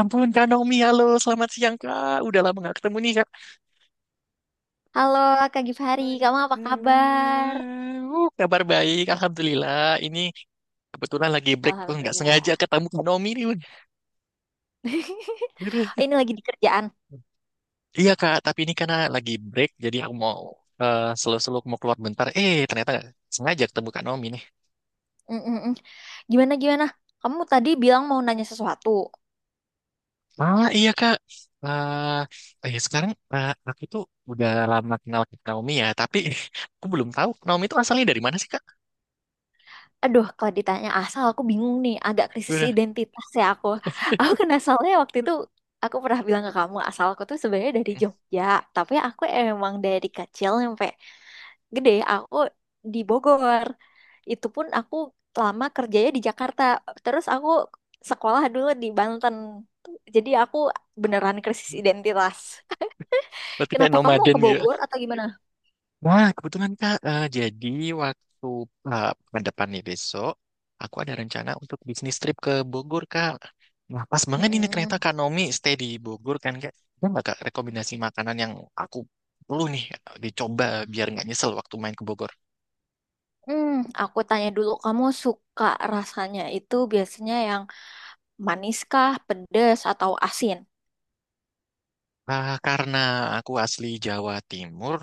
Ampun, Kak Naomi, halo, selamat siang, Kak. Udah lama nggak ketemu nih, Kak. Halo Kak Gifari, kamu apa kabar? Kabar baik, Alhamdulillah. Ini kebetulan lagi break, tuh nggak sengaja Alhamdulillah. ketemu Kak Naomi nih. Bun. Ini lagi di kerjaan. Iya, Kak, tapi ini karena lagi break, jadi aku mau selalu-selalu mau keluar bentar. Eh, ternyata sengaja ketemu Kak Naomi nih. Mm, mm, mm. Gimana gimana? Kamu tadi bilang mau nanya sesuatu. Ah, iya, Kak. Sekarang aku tuh udah lama kenal Kak Naomi ya, tapi aku belum tahu Naomi itu asalnya dari mana sih, Kak? Aduh, kalau ditanya asal aku bingung nih, agak krisis Udah. identitas ya aku. Aku kan asalnya waktu itu aku pernah bilang ke kamu asal aku tuh sebenarnya dari Hmm. Jogja, tapi aku emang dari kecil sampai gede aku di Bogor. Itu pun aku lama kerjanya di Jakarta, terus aku sekolah dulu di Banten. Jadi aku beneran krisis identitas. Berarti kayak Kenapa kamu nomaden ke gitu. Bogor atau gimana? Wah, kebetulan Kak. Jadi waktu pekan depan nih besok, aku ada rencana untuk bisnis trip ke Bogor Kak. Nah, pas banget ini ternyata Mm-mm. Kak Nomi stay di Bogor kan Kak. Ada nggak Kak rekomendasi makanan yang aku perlu nih dicoba biar nggak nyesel waktu main ke Bogor? Hmm, aku tanya dulu, kamu suka rasanya itu biasanya yang maniskah, pedas, atau asin? Ah, karena aku asli Jawa Timur,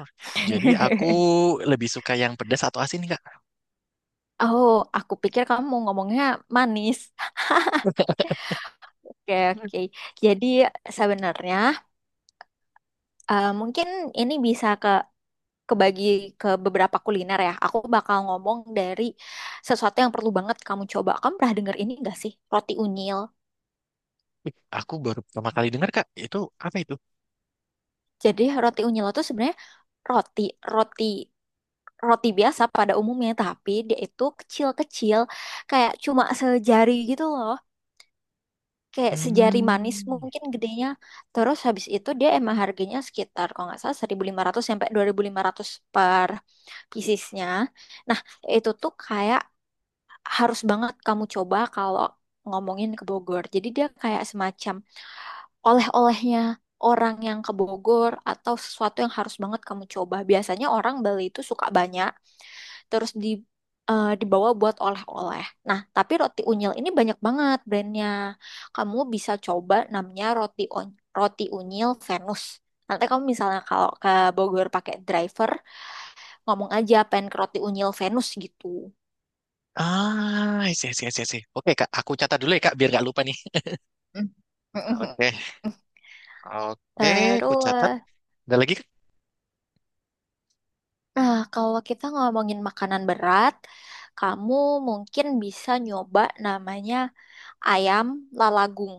jadi aku lebih suka yang pedas atau asin nih Kak. Oh, aku pikir kamu mau ngomongnya manis. Oke, oke. Jadi sebenarnya mungkin ini bisa ke kebagi ke beberapa kuliner ya. Aku bakal ngomong dari sesuatu yang perlu banget kamu coba. Kamu pernah denger ini gak sih? Roti unyil. Ih, aku baru pertama kali dengar Kak, itu apa itu? Jadi roti unyil itu sebenarnya roti, roti, roti biasa pada umumnya, tapi dia itu kecil-kecil kayak cuma sejari gitu loh. Kayak sejari manis Hmm. mungkin gedenya. Terus habis itu dia emang harganya sekitar kalau nggak salah 1.500 sampai 2.500 per piecesnya. Nah, itu tuh kayak harus banget kamu coba kalau ngomongin ke Bogor. Jadi dia kayak semacam oleh-olehnya orang yang ke Bogor atau sesuatu yang harus banget kamu coba. Biasanya orang beli itu suka banyak, terus dibawa buat oleh-oleh. Nah, tapi roti unyil ini banyak banget brandnya. Kamu bisa coba namanya roti unyil Venus. Nanti kamu misalnya kalau ke Bogor pakai driver, ngomong aja pengen ke roti unyil Venus gitu. Ah, isi, isi, isi, isi. Oke, Kak. Aku catat dulu ya, Kak, biar nggak lupa nih. Mm. Oke. Oke, aku Terus, catat. Ada lagi, Kak? nah kalau kita ngomongin makanan berat, kamu mungkin bisa nyoba namanya ayam lalagung.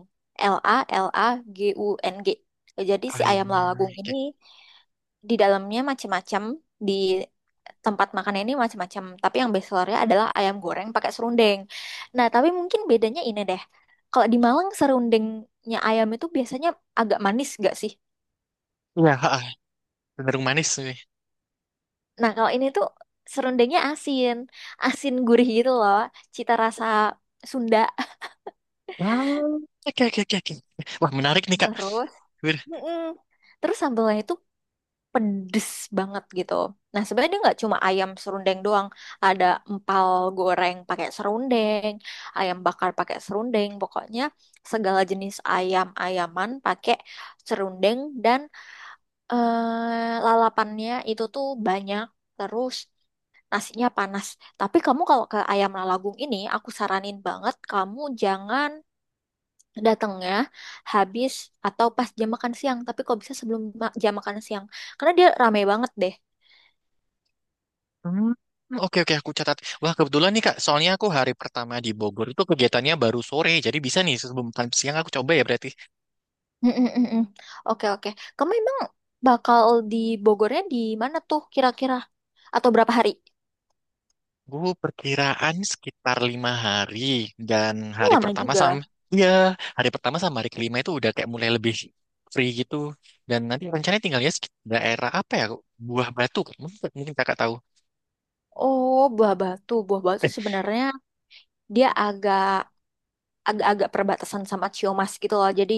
L A L A G U N G. Jadi si ayam Airnya. lalagung Oke. ini di dalamnya macam-macam di tempat makan ini macam-macam. Tapi yang best sellernya adalah ayam goreng pakai serundeng. Nah, tapi mungkin bedanya ini deh. Kalau di Malang serundengnya ayam itu biasanya agak manis gak sih? Iya, ha, ha. Cenderung manis nih. Nah, kalau ini tuh serundengnya asin. Asin gurih gitu loh. Cita rasa Sunda. Ah, oke, oke, oke, oke. Wah, menarik nih, Kak. Terus, Wir- mm-mm. Terus sambalnya itu pedes banget gitu. Nah, sebenarnya dia nggak cuma ayam serundeng doang. Ada empal goreng pakai serundeng, ayam bakar pakai serundeng. Pokoknya segala jenis ayam-ayaman pakai serundeng dan lalapannya itu tuh banyak. Terus nasinya panas. Tapi kamu kalau ke ayam lalagung ini, aku saranin banget kamu jangan datangnya habis atau pas jam makan siang. Tapi kok bisa sebelum jam makan siang. Karena dia rame banget deh. Hmm, oke, oke, aku catat. Wah, kebetulan nih, Kak. Soalnya aku hari pertama di Bogor itu kegiatannya baru sore. Jadi bisa nih, sebelum siang aku coba ya berarti. Mm-mm, mm-mm. Oke, oke. Kamu emang bakal di Bogornya di mana tuh kira-kira? Atau berapa hari? Gue perkiraan sekitar 5 hari dan Oh, hari lama pertama sama juga. ya hari pertama sama hari kelima itu udah kayak mulai lebih free gitu dan nanti rencananya tinggalnya daerah apa ya Buah Batu Kak. Mungkin kakak tahu Oh, Buah Batu. Buah Batu eh sebenarnya dia agak-agak perbatasan sama Ciumas gitu loh. Jadi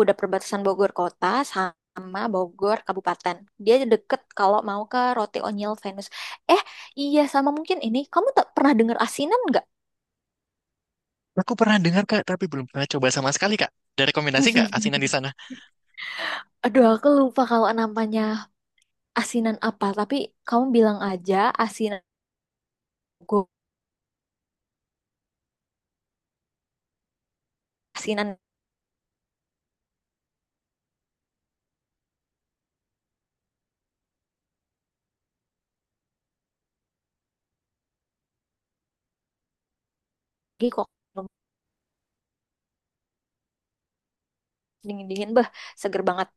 udah perbatasan Bogor kota sama Bogor kabupaten. Dia deket kalau mau ke Roti Onyil Venus. Eh, iya sama mungkin ini. Kamu tak pernah dengar asinan nggak? aku pernah dengar kak tapi belum pernah coba sama sekali kak. Ada rekomendasi nggak asinan di sana? Aduh, aku lupa kalau namanya. Asinan apa tapi kamu bilang aja asinan gue asinan lagi kok dingin dingin beh seger banget.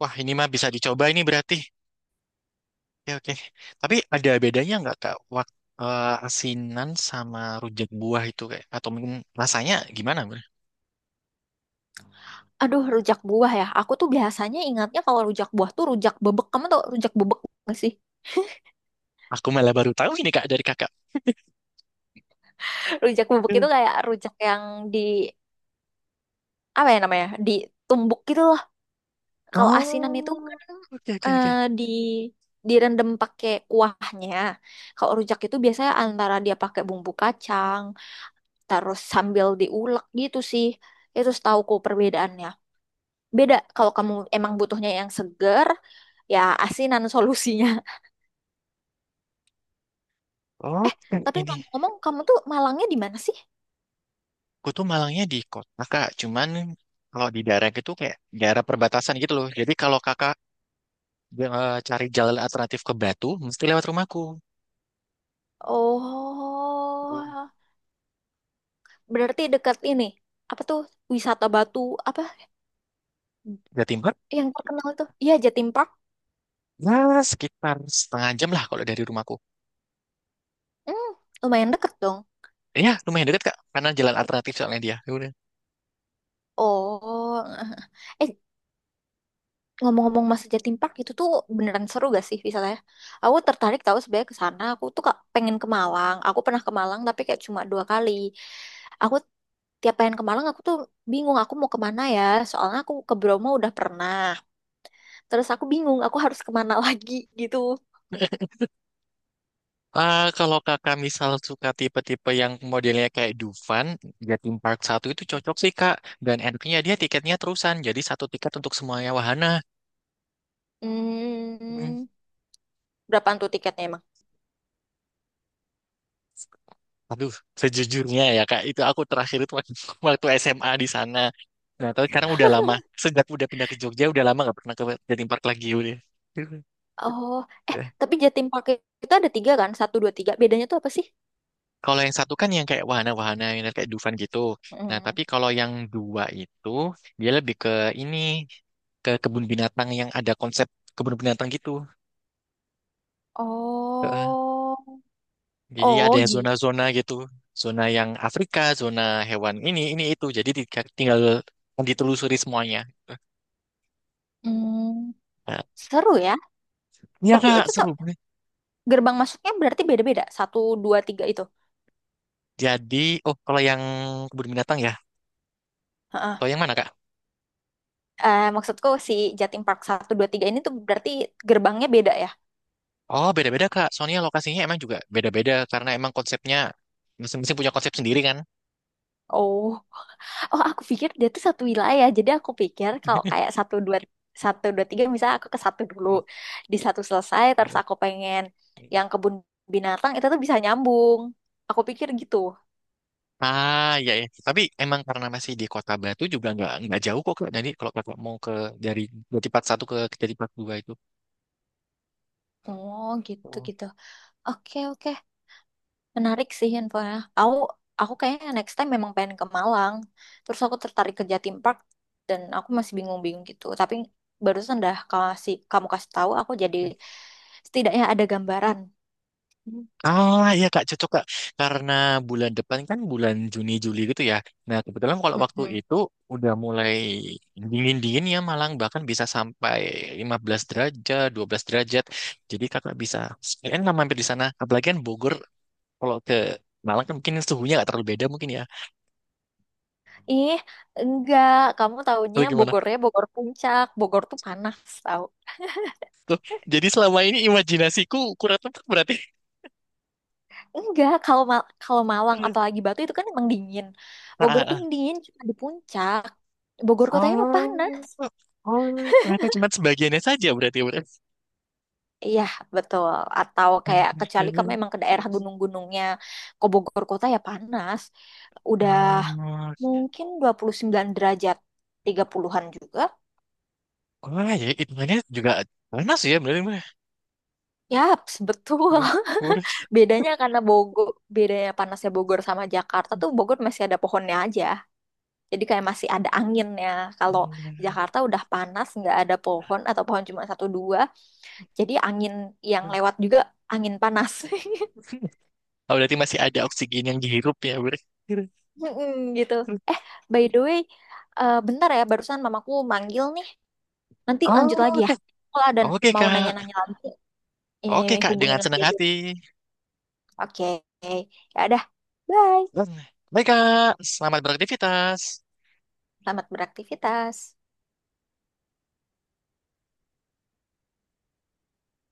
Wah ini mah bisa dicoba ini berarti, ya oke. Tapi ada bedanya nggak kak waktu asinan sama rujak buah itu kayak atau mungkin rasanya gimana? Aduh, rujak buah ya, aku tuh biasanya ingatnya kalau rujak buah tuh rujak bebek. Kamu tau rujak bebek nggak sih? Aku malah baru tahu ini kak dari kakak. Rujak bebek itu kayak rujak yang di apa ya namanya ditumbuk gitu loh. Kalau asinan itu Oh, kan oke, oke, eh, oke. di direndam pakai kuahnya. Kalau rujak itu biasanya antara dia pakai bumbu kacang terus sambil diulek gitu sih. Itu setauku perbedaannya. Beda kalau kamu emang butuhnya yang seger, ya asinan solusinya. Oh, Eh, kan tapi ini. ngomong-ngomong kamu tuh Malangnya di mana sih? Gue tuh Malangnya di kota kak. Cuman kalau di daerah gitu kayak daerah perbatasan gitu loh. Jadi kalau kakak cari jalan alternatif ke Batu, mesti lewat rumahku. Oh, berarti dekat ini. Apa tuh wisata batu apa Jatim Barat, yang terkenal tuh? Iya, Jatim Park. ya sekitar 0,5 jam lah kalau dari rumahku. Hmm, lumayan deket dong. Ya, lumayan dekat kak. Karena jalan alternatif soalnya dia. Ya udah. Oh, eh ngomong-ngomong masa Jatim Park itu tuh beneran seru gak sih wisatanya? Aku tertarik tahu sebenarnya ke sana. Aku tuh kak pengen ke Malang. Aku pernah ke Malang tapi kayak cuma 2 kali. Aku tiap pengen ke Malang aku tuh bingung aku mau kemana ya soalnya aku ke Bromo udah pernah terus aku bingung aku harus kemana lagi gitu. Ah, kalau kakak misal suka tipe-tipe yang modelnya kayak Dufan, Jatim Park satu itu cocok sih kak. Dan enaknya dia tiketnya terusan, jadi satu tiket untuk semuanya wahana. Hmm. Hmm, berapaan tuh tiketnya emang? Aduh, sejujurnya ya Kak, itu aku terakhir itu waktu, waktu SMA di sana. Nah, tapi sekarang udah lama. Sejak udah pindah ke Jogja, udah lama nggak pernah ke Jatim Park lagi udah. Oh eh Eh, tapi Jatim Park itu ada tiga kan, satu dua tiga bedanya tuh apa sih? kalau yang satu kan yang kayak wahana-wahana, yang kayak Dufan gitu. Nah, Hmm. tapi kalau yang dua itu, dia lebih ke ini, ke kebun binatang yang ada konsep kebun binatang gitu. Heeh. Oh. Jadi Oh ada gitu. zona-zona gitu. Zona yang Afrika, zona hewan ini itu. Jadi tinggal ditelusuri semuanya. Hmm, Nah, seru ya. iya Tapi kak, itu tuh seru banget. gerbang masuknya berarti beda-beda satu dua tiga itu? Jadi, oh kalau yang kebun binatang ya, Heeh. atau yang mana kak? Eh, maksudku si Jatim Park satu dua tiga ini tuh berarti gerbangnya beda ya? Oh beda-beda kak, soalnya lokasinya emang juga beda-beda karena emang konsepnya masing-masing punya konsep sendiri kan. Oh. Oh, aku pikir dia tuh satu wilayah. Jadi aku pikir kalau kayak satu dua tiga, misalnya aku ke satu dulu, di satu selesai, terus aku pengen yang kebun binatang itu tuh bisa nyambung. Aku pikir gitu. Ah iya ya, tapi emang karena masih di Kota Batu juga nggak jauh kok kak. Jadi kalau kakak mau ke dari Jatipat satu ke Jatipat dua itu. Oh, gitu Oh. gitu. Oke oke, menarik sih infonya. Aku aku kayaknya next time memang pengen ke Malang. Terus aku tertarik ke Jatim Park dan aku masih bingung-bingung gitu. Tapi barusan dah kasih kamu kasih tahu, aku jadi setidaknya ada gambaran. Ah, ya Kak, cocok Kak. Karena bulan depan kan bulan Juni Juli gitu ya. Nah, kebetulan kalau waktu Mm-mm. itu udah mulai dingin-dingin ya Malang bahkan bisa sampai 15 derajat, 12 derajat. Jadi Kakak bisa sekalian lah mampir di sana. Apalagi kan Bogor kalau ke Malang kan mungkin suhunya nggak terlalu beda mungkin ya. Ih, enggak. Kamu taunya Atau gimana? Bogornya Bogor Puncak. Bogor tuh panas tau. Jadi selama ini imajinasiku kurang tepat berarti. Enggak, kalau kalau Malang apalagi Batu itu kan emang dingin. Ah, Bogor ah, tuh ah. yang dingin cuma di puncak. Bogor kotanya mah Oh, panas. oh, ternyata cuma sebagiannya saja berarti. Berarti. Iya, betul. Atau kayak kecuali kamu emang ke daerah gunung-gunungnya. Ke Bogor kota ya panas. Udah Ah, mungkin 29 derajat, 30-an juga. wah, ya hitungannya juga panas ya berarti mah. Yap, betul. Udah. Bedanya karena Bogor, bedanya panasnya Bogor sama Jakarta tuh Bogor masih ada pohonnya aja. Jadi kayak masih ada anginnya. Kalau Jakarta udah panas, nggak ada pohon atau pohon cuma satu dua. Jadi angin yang lewat juga angin panas. Oh, berarti masih ada oksigen yang dihirup ya, Bur. Mm-mm, gitu. Eh, by the way, eh, bentar ya, barusan mamaku manggil nih. Nanti Oh, lanjut lagi ya. oke. Kalau ada Oke, mau Kak. nanya-nanya lagi, Oke, Kak. hubungin Dengan lagi senang aja. hati. Oke, ya udah. Bye. Baik, Kak. Selamat beraktivitas. Selamat beraktivitas.